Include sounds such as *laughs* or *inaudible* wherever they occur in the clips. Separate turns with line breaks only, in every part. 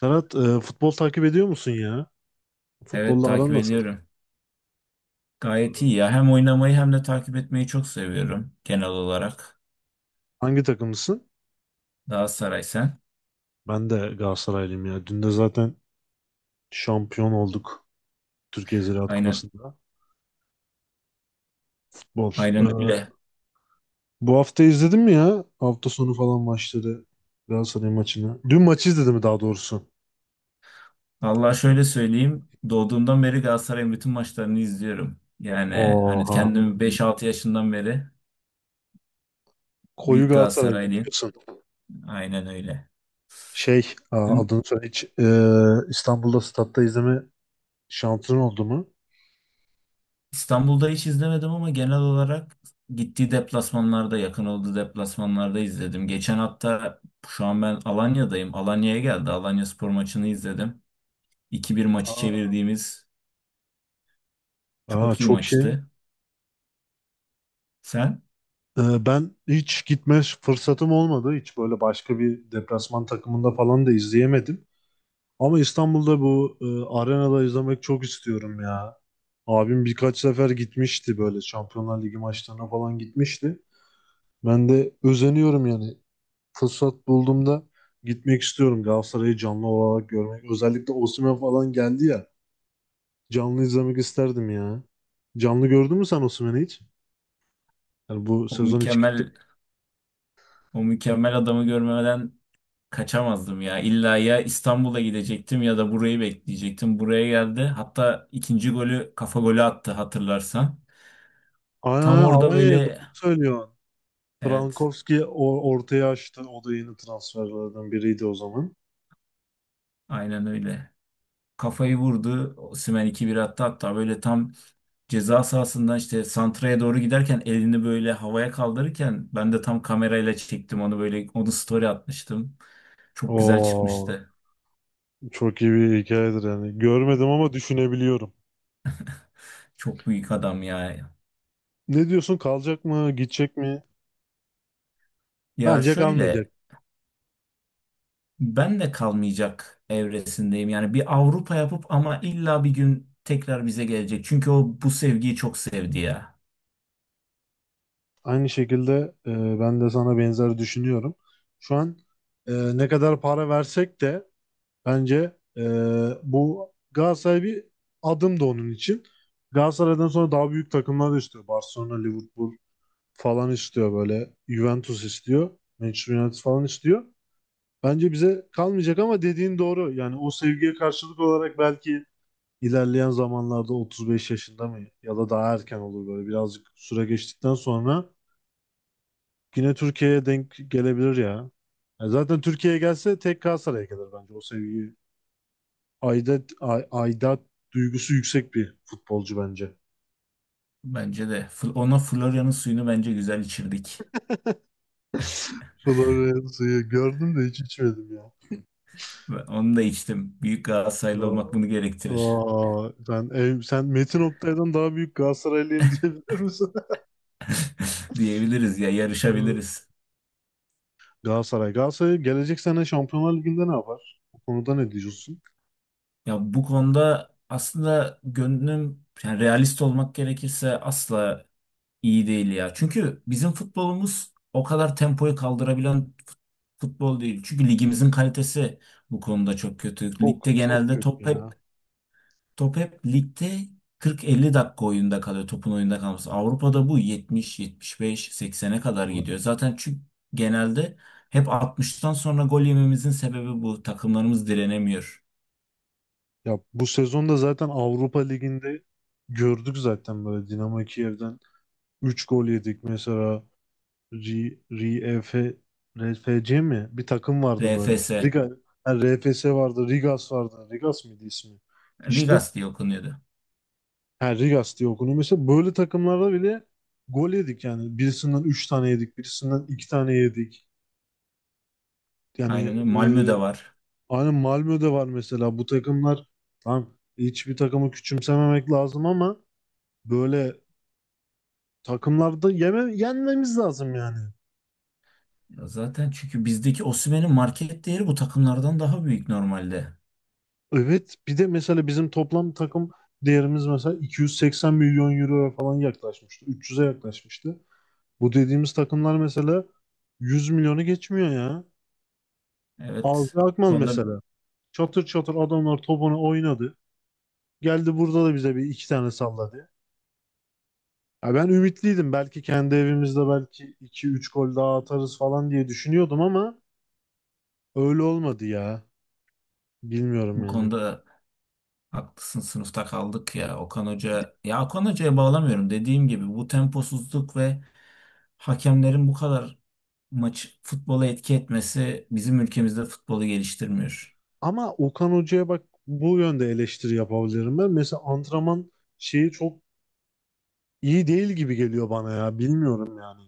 Serhat, futbol takip ediyor musun ya?
Evet,
Futbolla
takip
aran nasıl?
ediyorum. Gayet iyi ya. Hem oynamayı hem de takip etmeyi çok seviyorum genel olarak.
Hangi takımlısın?
Galatasaray, sen?
Ben de Galatasaraylıyım ya. Dün de zaten şampiyon olduk Türkiye Ziraat
Aynen,
Kupası'nda. Futbol.
aynen
E,
öyle.
Bu hafta izledin mi ya? Hafta sonu falan maçları. Galatasaray maçını. Dün maçı izledim mi daha doğrusu?
Allah şöyle söyleyeyim. Doğduğumdan beri Galatasaray'ın bütün maçlarını izliyorum. Yani hani
Oha.
kendimi 5-6 yaşından beri
Koyu
büyük
Galatasaraylıyım
Galatasaraylıyım.
diyorsun.
Aynen öyle. Dün
Adını söyle hiç. İstanbul'da statta izleme şansın oldu mu?
İstanbul'da hiç izlemedim ama genel olarak gittiği deplasmanlarda, yakın olduğu deplasmanlarda izledim. Geçen hafta şu an ben Alanya'dayım. Alanya'ya geldi. Alanya spor maçını izledim. 2 bir maçı
Aa,
çevirdiğimiz
aa,
çok iyi
çok iyi.
maçtı. Sen
Ben hiç gitme fırsatım olmadı. Hiç böyle başka bir deplasman takımında falan da izleyemedim. Ama İstanbul'da bu arenada izlemek çok istiyorum ya. Abim birkaç sefer gitmişti böyle Şampiyonlar Ligi maçlarına falan gitmişti. Ben de özeniyorum yani. Fırsat bulduğumda gitmek istiyorum. Galatasaray'ı canlı olarak görmek. Özellikle Osimhen falan geldi ya. Canlı izlemek isterdim ya. Canlı gördün mü sen Osimhen'i hiç? Yani bu
o
sezon hiç gitti.
mükemmel o mükemmel adamı görmeden kaçamazdım ya. İlla ya İstanbul'a gidecektim ya da burayı bekleyecektim. Buraya geldi. Hatta ikinci golü kafa golü attı, hatırlarsan.
Aynen,
Tam
aynen,
orada
Alanya'ya
böyle,
doğru söylüyor.
evet,
Frankowski ortaya açtı. O da yeni transferlerden biriydi o zaman.
aynen öyle. Kafayı vurdu. Osimhen 2-1 attı hatta, böyle tam ceza sahasından işte santraya doğru giderken elini böyle havaya kaldırırken ben de tam kamerayla çektim onu, böyle onu story atmıştım. Çok güzel
Oo,
çıkmıştı.
çok iyi bir hikayedir yani. Görmedim ama düşünebiliyorum.
Çok büyük adam ya.
Ne diyorsun? Kalacak mı? Gidecek mi?
Ya
Bence kalmayacak.
şöyle, ben de kalmayacak evresindeyim. Yani bir Avrupa yapıp ama illa bir gün tekrar bize gelecek. Çünkü o bu sevgiyi çok sevdi ya.
Aynı şekilde e, ben de sana benzer düşünüyorum. Şu an ne kadar para versek de bence bu Galatasaray bir adım da onun için. Galatasaray'dan sonra daha büyük takımlar da istiyor. Barcelona, Liverpool falan istiyor böyle. Juventus istiyor. Manchester United falan istiyor. Bence bize kalmayacak ama dediğin doğru. Yani o sevgiye karşılık olarak belki ilerleyen zamanlarda 35 yaşında mı ya da daha erken olur böyle birazcık süre geçtikten sonra yine Türkiye'ye denk gelebilir ya. Ya zaten Türkiye'ye gelse tek Galatasaray'a gelir bence, o sevgi. Aidat duygusu yüksek bir futbolcu bence.
Bence de. Ona Florya'nın suyunu bence güzel içirdik.
Florya'yı gördüm de hiç içmedim ya.
Ve onu da içtim. Büyük Galatasaraylı olmak
O,
bunu gerektirir.
Aa, sen, ev, sen Metin Oktay'dan daha büyük Galatasaraylıyım *laughs* diyebilir misin?
Diyebiliriz ya,
Evet.
yarışabiliriz.
Galatasaray gelecek sene Şampiyonlar Ligi'nde ne yapar? O konuda ne diyorsun?
Ya bu konuda aslında gönlüm, yani realist olmak gerekirse, asla iyi değil ya. Çünkü bizim futbolumuz o kadar tempoyu kaldırabilen fut- futbol değil. Çünkü ligimizin kalitesi bu konuda çok kötü.
Çok
Ligde
çok
genelde
kötü
top hep
ya.
top hep ligde 40-50 dakika oyunda kalıyor. Topun oyunda kalması. Avrupa'da bu 70, 75, 80'e kadar gidiyor. Zaten çünkü genelde hep 60'tan sonra gol yememizin sebebi bu. Takımlarımız direnemiyor.
Ya bu sezonda zaten Avrupa Ligi'nde gördük zaten böyle Dinamo Kiev'den 3 gol yedik mesela. R- RF RFC mi? Bir takım vardı böyle.
RFS.
Riga, ha, RFS vardı, Rigas vardı. Rigas mıydı ismi? İşte.
Ligas diye okunuyordu.
Ha, Rigas diye okunuyor. Mesela böyle takımlarda bile gol yedik yani. Birisinden 3 tane yedik, birisinden 2 tane yedik. Yani
Aynen öyle. Malmö'de var.
aynı Malmö'de var mesela. Bu takımlar tam, hiçbir takımı küçümsememek lazım ama böyle takımlarda yenmemiz lazım yani.
Ya zaten çünkü bizdeki Osimhen'in market değeri bu takımlardan daha büyük normalde.
Evet, bir de mesela bizim toplam takım değerimiz mesela 280 milyon euroya falan yaklaşmıştı. 300'e yaklaşmıştı. Bu dediğimiz takımlar mesela 100 milyonu geçmiyor ya. Aldı
Evet. Bu
Akman
konuda
mesela. Çatır çatır adamlar topunu oynadı. Geldi burada da bize bir iki tane salladı. Ya ben ümitliydim. Belki kendi evimizde belki iki üç gol daha atarız falan diye düşünüyordum ama öyle olmadı ya. Bilmiyorum
bu
yani.
konuda haklısın. Sınıfta kaldık ya. Okan Hoca, ya Okan Hoca'ya bağlamıyorum. Dediğim gibi, bu temposuzluk ve hakemlerin bu kadar maç futbola etki etmesi bizim ülkemizde futbolu geliştirmiyor.
Ama Okan Hoca'ya bak, bu yönde eleştiri yapabilirim ben. Mesela antrenman şeyi çok iyi değil gibi geliyor bana ya. Bilmiyorum yani.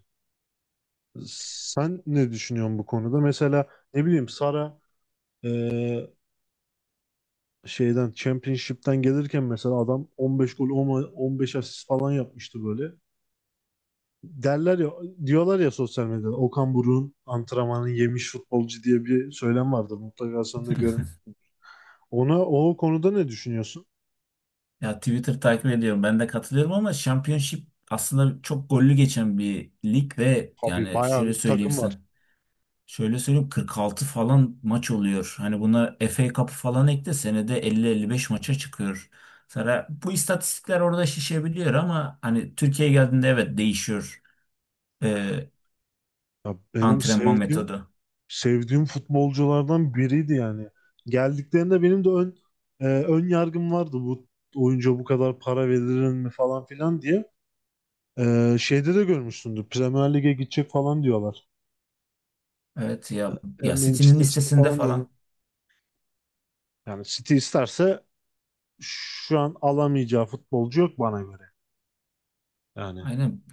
Sen ne düşünüyorsun bu konuda? Mesela ne bileyim, Sara e, şeyden, Championship'ten gelirken mesela adam 15 gol, 10 15 asist falan yapmıştı böyle. Derler ya, diyorlar ya sosyal medyada Okan Buruk'un antrenmanını yemiş futbolcu diye bir söylem vardır. Mutlaka sen de
*laughs*
görmüşsün. O konuda ne düşünüyorsun?
Ya Twitter takip ediyorum. Ben de katılıyorum ama Championship aslında çok gollü geçen bir lig ve
Abi
yani
bayağı
şöyle
bir
söyleyeyim
takım var.
sen. Şöyle söyleyeyim, 46 falan maç oluyor. Hani buna FA Cup'ı falan ekle, senede 50-55 maça çıkıyor. Sonra bu istatistikler orada şişebiliyor ama hani Türkiye'ye geldiğinde evet değişiyor e,
Ya benim
antrenman
sevdiğim
metodu.
sevdiğim futbolculardan biriydi yani. Geldiklerinde benim de ön yargım vardı, bu oyuncuya bu kadar para verilir mi falan filan diye. Şeyde de görmüşsündür. Premier Lig'e gidecek falan diyorlar.
Evet ya, City'nin
Manchester City
listesinde
falan diyorlar.
falan.
Yani City isterse şu an alamayacağı futbolcu yok bana göre. Yani
Aynen,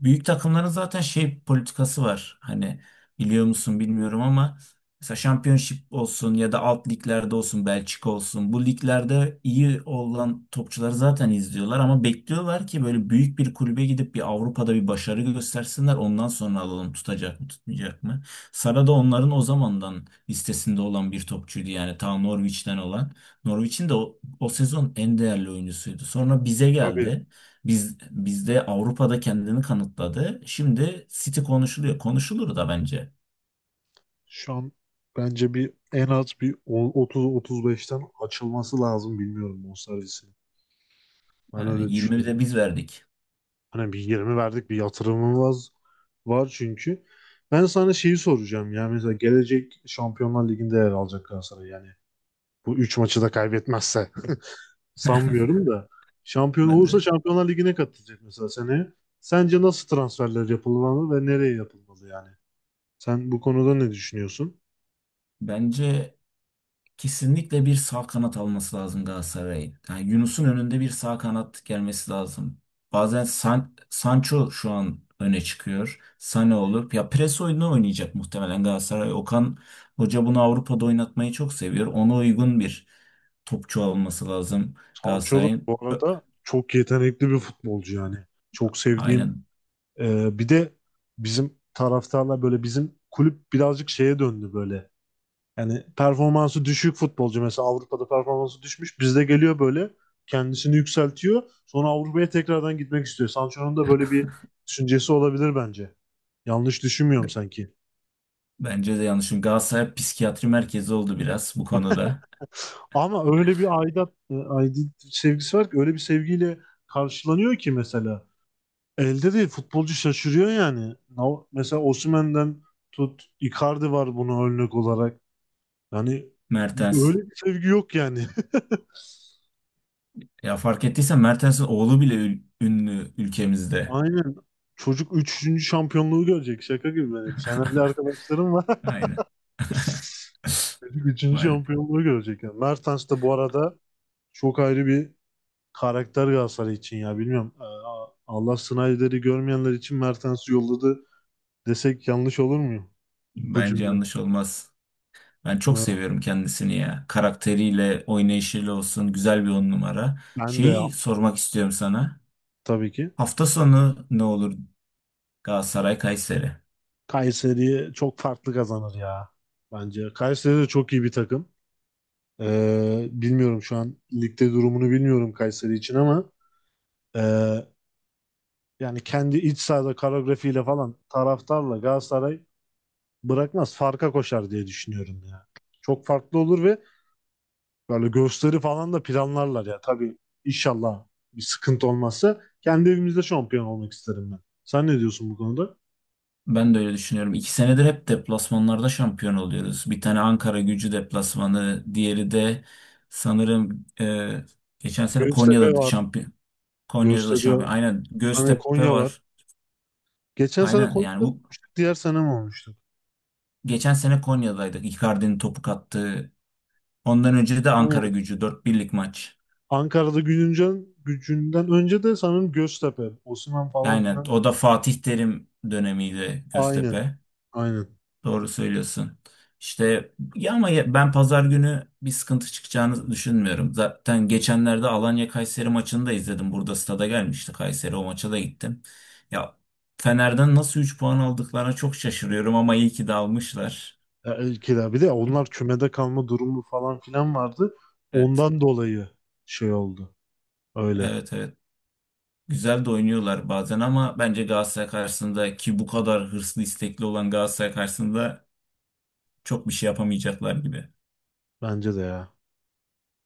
büyük takımların zaten şey politikası var. Hani biliyor musun bilmiyorum ama mesela Championship olsun ya da alt liglerde olsun, Belçika olsun, bu liglerde iyi olan topçuları zaten izliyorlar ama bekliyorlar ki böyle büyük bir kulübe gidip bir Avrupa'da bir başarı göstersinler, ondan sonra alalım tutacak mı tutmayacak mı. Sara da onların o zamandan listesinde olan bir topçuydu yani, ta Norwich'ten olan. Norwich'in de o, o sezon en değerli oyuncusuydu. Sonra bize
tabii
geldi. Bizde Avrupa'da kendini kanıtladı. Şimdi City konuşuluyor. Konuşulur da bence.
şu an bence en az bir 30-35'ten açılması lazım, bilmiyorum, bonservisinin. Ben
Yani
öyle düşünüyorum.
20'de biz verdik.
Hani bir 20 verdik, bir yatırımımız var çünkü. Ben sana şeyi soracağım. Yani mesela gelecek Şampiyonlar Ligi'nde yer alacak Galatasaray yani. Bu 3 maçı da kaybetmezse. *laughs* Sanmıyorum da. Şampiyon
Ben
olursa
de.
Şampiyonlar Ligi'ne katılacak mesela seneye. Sence nasıl transferler yapılmalı ve nereye yapılmalı yani? Sen bu konuda ne düşünüyorsun?
Bence kesinlikle bir sağ kanat alması lazım Galatasaray'ın. Yani Yunus'un önünde bir sağ kanat gelmesi lazım. Bazen Sancho şu an öne çıkıyor. Sane olur. Ya pres oyunu oynayacak muhtemelen Galatasaray. Okan Hoca bunu Avrupa'da oynatmayı çok seviyor. Ona uygun bir topçu alması lazım
Sancho da
Galatasaray'ın.
bu arada çok yetenekli bir futbolcu yani. Çok sevdiğim.
Aynen.
Bir de bizim taraftarlar böyle, bizim kulüp birazcık şeye döndü böyle. Yani performansı düşük futbolcu, mesela Avrupa'da performansı düşmüş, bizde geliyor böyle kendisini yükseltiyor. Sonra Avrupa'ya tekrardan gitmek istiyor. Sancho'nun da böyle bir düşüncesi olabilir bence. Yanlış düşünmüyorum sanki.
Bence de yanlış. Çünkü Galatasaray psikiyatri merkezi oldu biraz bu konuda.
Ama öyle bir aidiyet sevgisi var ki, öyle bir sevgiyle karşılanıyor ki mesela. Elde değil, futbolcu şaşırıyor yani. Mesela Osimhen'den tut, Icardi var bunu örnek olarak. Yani
Mertens.
böyle bir sevgi yok yani. *laughs*
Ya fark ettiysen Mertens'in oğlu bile ünlü ülkemizde.
Aynen. Çocuk üçüncü şampiyonluğu görecek. Şaka gibi. Benim
*laughs*
Fenerli arkadaşlarım var. *laughs*
Aynen. *laughs*
Çocuk 3.
Maalesef.
şampiyonluğu görecek. Yani Mertens de bu arada çok ayrı bir karakter Galatasaray için ya. Bilmiyorum. Allah Snyder'i görmeyenler için Mertens'i yolladı desek yanlış olur mu? Bu
Bence
cümle.
yanlış olmaz. Ben çok
Mer-
seviyorum kendisini ya. Karakteriyle, oynayışıyla olsun. Güzel bir on numara.
Ben de ya.
Şeyi sormak istiyorum sana.
Tabii ki.
Hafta sonu ne olur, Galatasaray Kayseri?
Kayseri'ye çok farklı kazanır ya. Bence. Kayseri de çok iyi bir takım. Bilmiyorum şu an ligde durumunu, bilmiyorum Kayseri için ama ee, yani kendi iç sahada koreografiyle falan, taraftarla Galatasaray bırakmaz. Farka koşar diye düşünüyorum ya. Çok farklı olur ve böyle gösteri falan da planlarlar ya. Tabii inşallah bir sıkıntı olmazsa kendi evimizde şampiyon olmak isterim ben. Sen ne diyorsun bu konuda?
Ben de öyle düşünüyorum. İki senedir hep deplasmanlarda şampiyon oluyoruz. Bir tane Ankara Gücü deplasmanı, diğeri de sanırım geçen sene
Göztepe
Konya'da
var.
şampiyon. Konya'da da
Göztepe,
şampiyon. Aynen,
hani
Göztepe
Konya var.
var.
Geçen sene
Aynen, yani
Konya'da mı
bu
olmuştuk? Diğer sene mi olmuştuk?
geçen sene Konya'daydık. Icardi'nin topu kattığı. Ondan önce de Ankara
Aynen.
Gücü dört birlik maç.
Ankara'da Gülüncen gücünden önce de sanırım Göztepe, Osman falan
Aynen,
filan.
o da Fatih Terim dönemiydi,
Aynen.
Göztepe.
Aynen.
Doğru söylüyorsun. İşte ya, ama ben pazar günü bir sıkıntı çıkacağını düşünmüyorum. Zaten geçenlerde Alanya Kayseri maçını da izledim. Burada stada gelmişti Kayseri, o maça da gittim. Ya Fener'den nasıl 3 puan aldıklarına çok şaşırıyorum ama iyi ki de almışlar.
Ya, kira, bir de onlar kümede kalma durumu falan filan vardı.
Evet.
Ondan dolayı şey oldu. Öyle.
Evet, evet. Güzel de oynuyorlar bazen ama bence Galatasaray karşısında, ki bu kadar hırslı istekli olan Galatasaray karşısında, çok bir şey yapamayacaklar gibi.
Bence de ya.